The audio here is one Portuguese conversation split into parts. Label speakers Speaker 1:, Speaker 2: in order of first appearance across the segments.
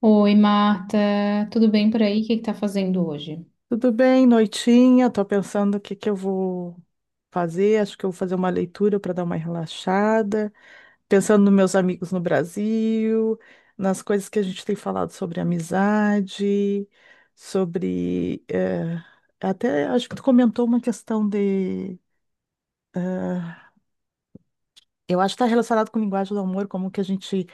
Speaker 1: Oi, Marta, tudo bem por aí? O que que tá fazendo hoje?
Speaker 2: Tudo bem, noitinha. Tô pensando o que que eu vou fazer. Acho que eu vou fazer uma leitura para dar uma relaxada. Pensando nos meus amigos no Brasil, nas coisas que a gente tem falado sobre amizade, sobre até acho que tu comentou uma questão de eh, eu acho que está relacionado com linguagem do amor, como que a gente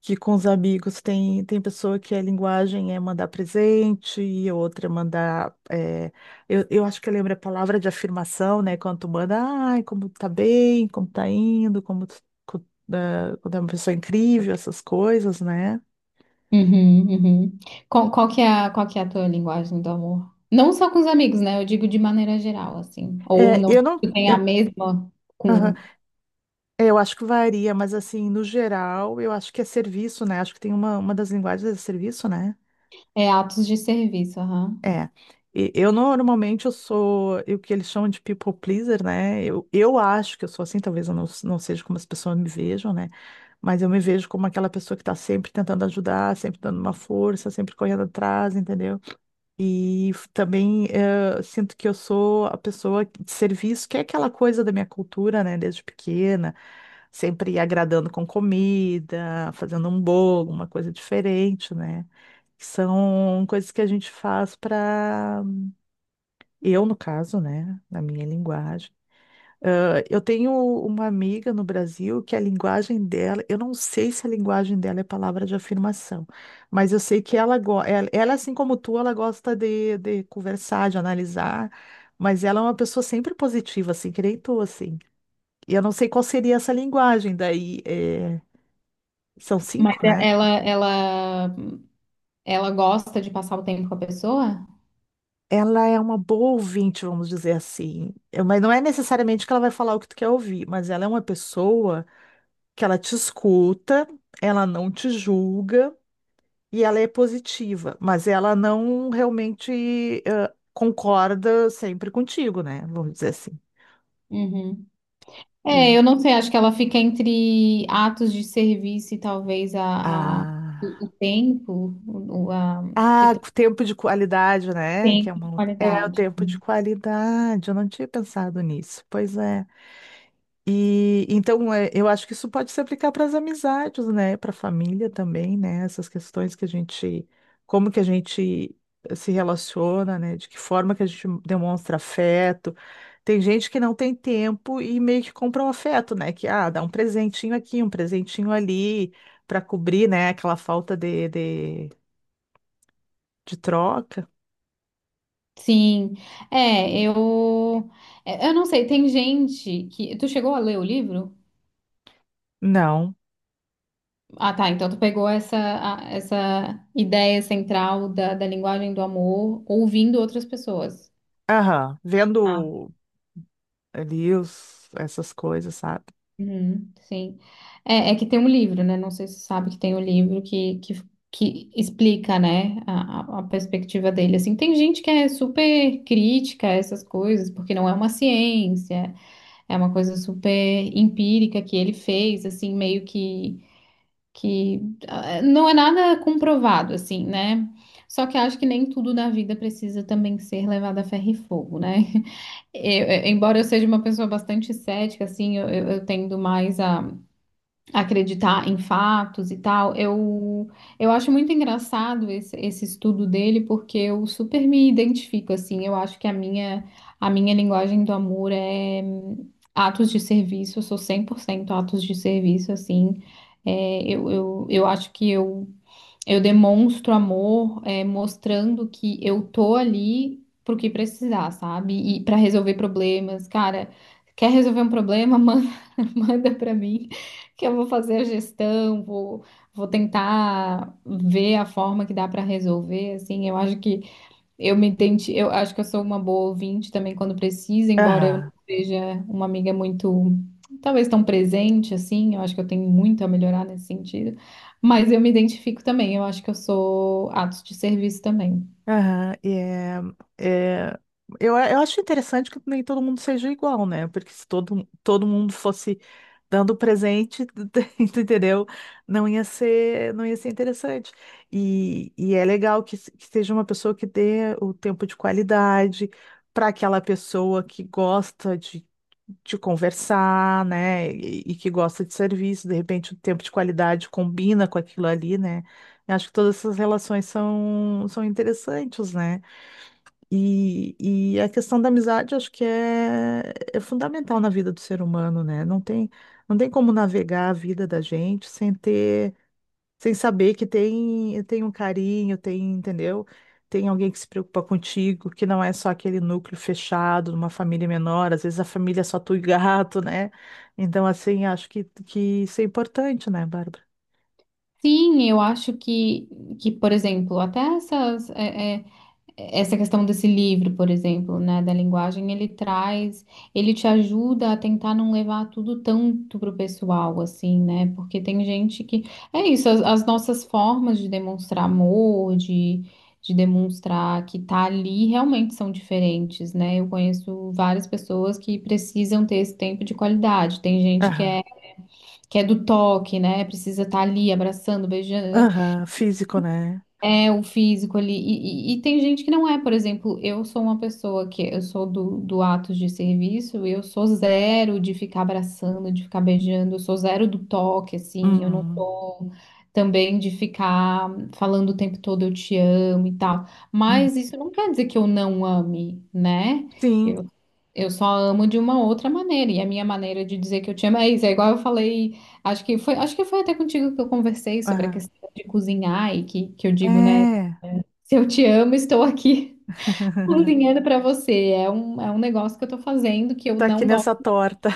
Speaker 2: que com os amigos tem pessoa que a linguagem é mandar presente e outra é mandar. É, eu acho que eu lembro a palavra de afirmação, né? Quando tu manda, ai, como tu tá bem, como tá indo, como, tu- co- ah, quando é uma pessoa incrível, essas coisas, né?
Speaker 1: Uhum, uhum. Qual que é qual que é a tua linguagem do amor? Não só com os amigos, né? Eu digo de maneira geral, assim. Ou
Speaker 2: É,
Speaker 1: não
Speaker 2: eu
Speaker 1: sei
Speaker 2: não.
Speaker 1: se tu tem a
Speaker 2: Eu,
Speaker 1: mesma
Speaker 2: aham.
Speaker 1: com
Speaker 2: É, eu acho que varia, mas assim, no geral, eu acho que é serviço, né? Acho que tem uma das linguagens é serviço, né?
Speaker 1: é, atos de serviço, aham.
Speaker 2: É, eu normalmente eu sou o que eles chamam de people pleaser, né? Eu, acho que eu sou assim, talvez eu não, não seja como as pessoas me vejam, né? Mas eu me vejo como aquela pessoa que tá sempre tentando ajudar, sempre dando uma força, sempre correndo atrás, entendeu? E também sinto que eu sou a pessoa de serviço, que é aquela coisa da minha cultura, né? Desde pequena, sempre agradando com comida, fazendo um bolo, uma coisa diferente, né? São coisas que a gente faz para eu, no caso, né, na minha linguagem. Ah, eu tenho uma amiga no Brasil que a linguagem dela, eu não sei se a linguagem dela é palavra de afirmação, mas eu sei que ela, assim como tu, ela gosta de conversar, de analisar, mas ela é uma pessoa sempre positiva, assim, que nem tu, assim. E eu não sei qual seria essa linguagem, daí é, são
Speaker 1: Mas
Speaker 2: cinco,
Speaker 1: é-
Speaker 2: né?
Speaker 1: ela, ela, ela gosta de passar o tempo com a pessoa?
Speaker 2: Ela é uma boa ouvinte, vamos dizer assim. Mas não é necessariamente que ela vai falar o que tu quer ouvir, mas ela é uma pessoa que ela te escuta, ela não te julga e ela é positiva, mas ela não realmente concorda sempre contigo, né? Vamos dizer assim.
Speaker 1: Uhum. É,
Speaker 2: E
Speaker 1: eu não sei, acho que ela fica entre atos de serviço e talvez a, a- o, o
Speaker 2: ah,
Speaker 1: tempo, o, o- a, que tem
Speaker 2: o tempo de qualidade, né? Que é
Speaker 1: tempo de
Speaker 2: uma outra. É o
Speaker 1: qualidade.
Speaker 2: tempo de qualidade. Eu não tinha pensado nisso. Pois é. E então é, eu acho que isso pode se aplicar para as amizades, né? Para a família também, né? Essas questões que a gente, como que a gente se relaciona, né? De que forma que a gente demonstra afeto. Tem gente que não tem tempo e meio que compra um afeto, né? Que ah, dá um presentinho aqui, um presentinho ali, para cobrir, né? Aquela falta de troca.
Speaker 1: Sim, é, é, eu não sei, tem gente que, tu chegou a ler o livro?
Speaker 2: Não.
Speaker 1: Ah, tá, então tu pegou essa ideia central da, da linguagem do amor ouvindo outras pessoas.
Speaker 2: Aham.
Speaker 1: Ah,
Speaker 2: Vendo ali os, essas coisas, sabe?
Speaker 1: uhum, sim. É, é que tem um livro, né? Não sei se você sabe que tem um livro que explica, né, a perspectiva dele. Assim, tem gente que é super crítica a essas coisas, porque não é uma ciência. É uma coisa super empírica que ele fez, assim, meio que ah, é, não é nada comprovado, assim, né? Só que acho que nem tudo na vida precisa também ser levado a ferro e fogo, né? Embora eu seja uma pessoa bastante cética, assim, eu tendo mais a acreditar em fatos e tal, eu acho muito engraçado esse estudo dele, porque eu super me identifico, assim, eu acho que a minha linguagem do amor é atos de serviço, eu sou 100% atos de serviço, assim, é, eu acho que eu demonstro amor, é, mostrando que eu tô ali pro que precisar, sabe? E para resolver problemas. Cara, quer resolver um problema? Manda para mim, que eu vou fazer a gestão, vou tentar ver a forma que dá para resolver. Assim, eu acho que eu acho que eu sou uma boa ouvinte também quando precisa, embora eu não
Speaker 2: Aham.
Speaker 1: seja uma amiga muito, talvez tão presente assim, eu acho que eu tenho muito a melhorar nesse sentido, mas eu me identifico também, eu acho que eu sou atos de serviço também.
Speaker 2: Aham, é, eu acho interessante que nem todo mundo seja igual, né? Porque se todo mundo fosse dando presente, tu entendeu? Não ia ser interessante. E é legal que, que seja uma pessoa que dê o tempo de qualidade para aquela pessoa que gosta de conversar, né? E que gosta de serviço, de repente o tempo de qualidade combina com aquilo ali, né? Eu acho que todas essas relações são, são interessantes, né? E a questão da amizade, acho que é, é fundamental na vida do ser humano, né? Não tem, não tem como navegar a vida da gente sem ter, sem saber que tem, tem um carinho, tem, entendeu? Tem alguém que se preocupa contigo, que não é só aquele núcleo fechado, numa família menor, às vezes a família é só tu e gato, né? Então, assim, acho que isso é importante, né, Bárbara?
Speaker 1: Sim, que por exemplo, até essas, é é, essa questão desse livro, por exemplo, né, da linguagem, ele te ajuda a tentar não levar tudo tanto pro pessoal, assim, né? Porque tem gente que é isso, as nossas formas de demonstrar amor, de demonstrar que tá ali realmente são diferentes, né? Eu conheço várias pessoas que precisam ter esse tempo de qualidade. Tem gente
Speaker 2: Aham,
Speaker 1: que é do toque, né? Precisa estar ali abraçando, beijando.
Speaker 2: aham, físico, né?
Speaker 1: É o físico ali. E tem gente que não é, por exemplo, eu sou uma pessoa que eu sou do ato de serviço, eu sou zero de ficar abraçando, de ficar beijando, eu sou zero do toque, assim, eu não
Speaker 2: Uhum.
Speaker 1: sou também de ficar falando o tempo todo eu te amo e tal.
Speaker 2: Uhum.
Speaker 1: Mas isso não quer dizer que eu não ame, né?
Speaker 2: Sim.
Speaker 1: Eu, eu só amo de uma outra maneira. E a minha maneira de dizer que eu te amo é isso. É igual eu falei, acho que foi até contigo que eu conversei sobre a
Speaker 2: Aham.
Speaker 1: questão de cozinhar e que eu digo, né?
Speaker 2: É.
Speaker 1: Se eu te amo, estou aqui cozinhando para você. É um negócio que eu tô fazendo que eu
Speaker 2: Tá aqui
Speaker 1: não gosto.
Speaker 2: nessa torta,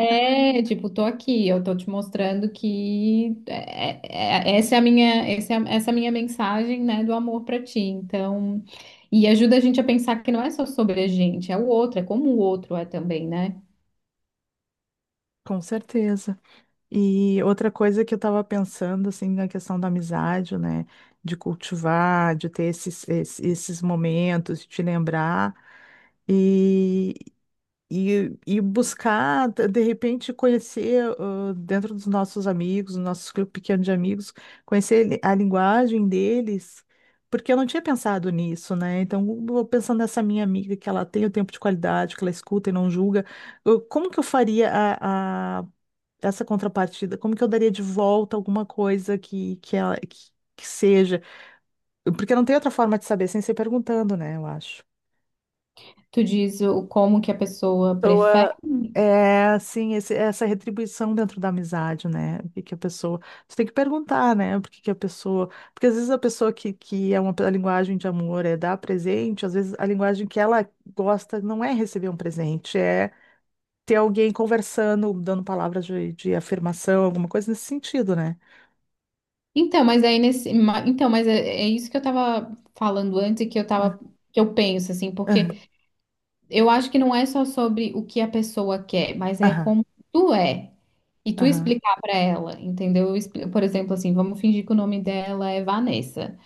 Speaker 1: É, tipo, tô aqui, eu tô te mostrando que é, essa é a minha mensagem, né, do amor para ti. Então, e ajuda a gente a pensar que não é só sobre a gente, é o outro, é como o outro é também, né?
Speaker 2: com certeza. E outra coisa que eu estava pensando, assim, na questão da amizade, né? De cultivar, de ter esses momentos, de te lembrar. E, e e buscar, de repente, conhecer ah, dentro dos nossos amigos, do nosso grupo pequeno de amigos, conhecer a linguagem deles, porque eu não tinha pensado nisso, né? Então, eu pensando nessa minha amiga, que ela tem o tempo de qualidade, que ela escuta e não julga, como que eu faria essa contrapartida? Como que eu daria de volta alguma coisa que seja? Porque não tem outra forma de saber sem ser perguntando, né? Eu acho.
Speaker 1: Tu diz o como que a pessoa prefere.
Speaker 2: Pessoa é assim, essa retribuição dentro da amizade, né? O que que a pessoa. Você tem que perguntar, né? Por que que a pessoa. Porque às vezes a pessoa que é uma a linguagem de amor é dar presente, às vezes a linguagem que ela gosta não é receber um presente, é ter alguém conversando, dando palavras de afirmação, alguma coisa nesse sentido, né?
Speaker 1: Então, mas aí nesse, ma- então, mas é, é isso que eu tava falando antes
Speaker 2: É,
Speaker 1: que eu penso assim, porque
Speaker 2: Aham,
Speaker 1: eu acho que não é só sobre o que a pessoa quer, mas é como tu é. E tu
Speaker 2: aham,
Speaker 1: explicar pra ela, entendeu? Por exemplo, assim, vamos fingir que o nome dela é Vanessa.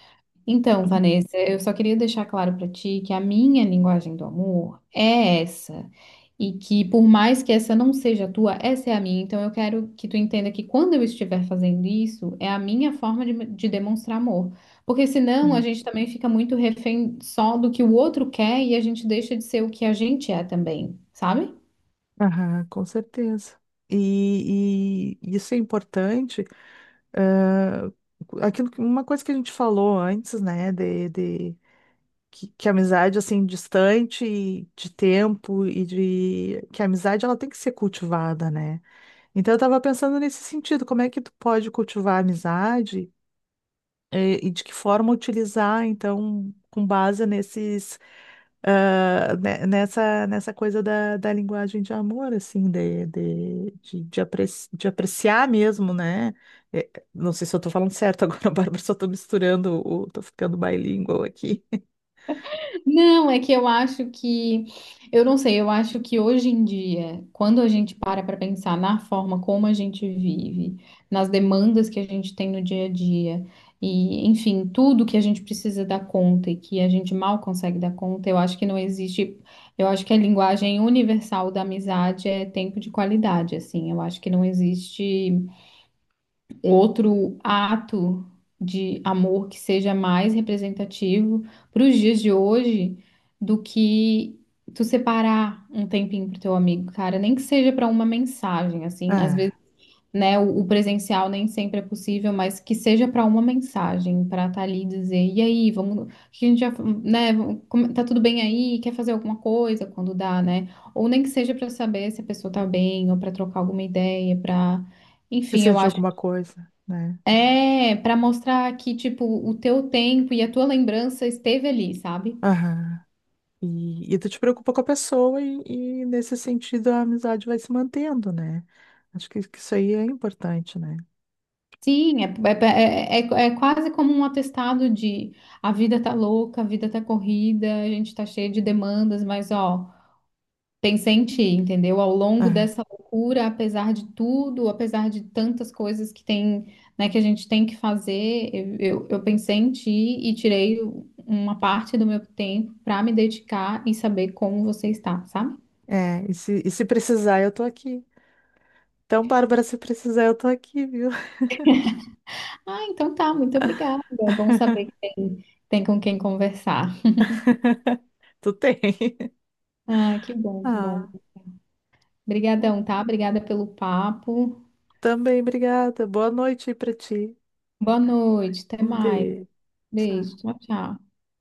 Speaker 1: Então, Vanessa, eu só queria deixar claro para ti que a minha linguagem do amor é essa. E que por mais que essa não seja a tua, essa é a minha. Então eu quero que tu entenda que quando eu estiver fazendo isso, é a minha forma de demonstrar amor. Porque senão a
Speaker 2: aham,
Speaker 1: gente também fica muito refém só do que o outro quer e a gente deixa de ser o que a gente é também, sabe?
Speaker 2: aham, com certeza. E isso é importante. Ah, aquilo, uma coisa que a gente falou antes, né, de que a amizade, assim, distante e de tempo e de que a amizade, ela tem que ser cultivada, né? Então, eu tava pensando nesse sentido, como é que tu pode cultivar a amizade e de que forma utilizar, então, com base nesses, ah, nessa, nessa coisa da, da linguagem de amor, assim, de de apreciar mesmo, né? Não sei se eu estou falando certo agora, Bárbara, só estou misturando, o, tô ficando bilingual aqui.
Speaker 1: Não, é que eu não sei, eu acho que hoje em dia, quando a gente para pensar na forma como a gente vive, nas demandas que a gente tem no dia a dia, e enfim, tudo que a gente precisa dar conta e que a gente mal consegue dar conta, eu acho que não existe, eu acho que a linguagem universal da amizade é tempo de qualidade, assim, eu acho que não existe outro ato de amor que seja mais representativo para os dias de hoje do que tu separar um tempinho pro teu amigo, cara, nem que seja para uma mensagem, assim, às vezes,
Speaker 2: Ah,
Speaker 1: né, o presencial nem sempre é possível, mas que seja para uma mensagem, para estar ali e dizer, e aí, vamos, o que a gente já, né, vamos- como- tá tudo bem aí, quer fazer alguma coisa quando dá, né? Ou nem que seja para saber se a pessoa tá bem, ou para trocar alguma ideia, para enfim,
Speaker 2: precisa
Speaker 1: eu
Speaker 2: de
Speaker 1: acho
Speaker 2: alguma coisa, né?
Speaker 1: é, para mostrar que, tipo, o teu tempo e a tua lembrança esteve ali, sabe?
Speaker 2: Aham. E tu te preocupa com a pessoa e, nesse sentido, a amizade vai se mantendo, né? Acho que isso aí é importante, né?
Speaker 1: Sim, é quase como um atestado de a vida tá louca, a vida tá corrida, a gente tá cheio de demandas, mas ó, pensei em ti, entendeu? Ao longo dessa loucura, apesar de tudo, apesar de tantas coisas que tem, né, que a gente tem que fazer, eu pensei em ti e tirei uma parte do meu tempo para me dedicar e saber como você está, sabe?
Speaker 2: É, e se precisar, eu tô aqui. Então, Bárbara, se precisar, eu tô aqui, viu?
Speaker 1: Ah, então tá, muito obrigada. É bom saber que tem, tem com quem conversar.
Speaker 2: Tu tem.
Speaker 1: Ah, que bom, que bom.
Speaker 2: Ah, bom,
Speaker 1: Obrigadão, tá? Obrigada pelo papo.
Speaker 2: também, obrigada. Boa noite aí pra ti.
Speaker 1: Boa noite, até
Speaker 2: Um
Speaker 1: mais.
Speaker 2: beijo.
Speaker 1: Beijo,
Speaker 2: Tchau.
Speaker 1: tchau, tchau.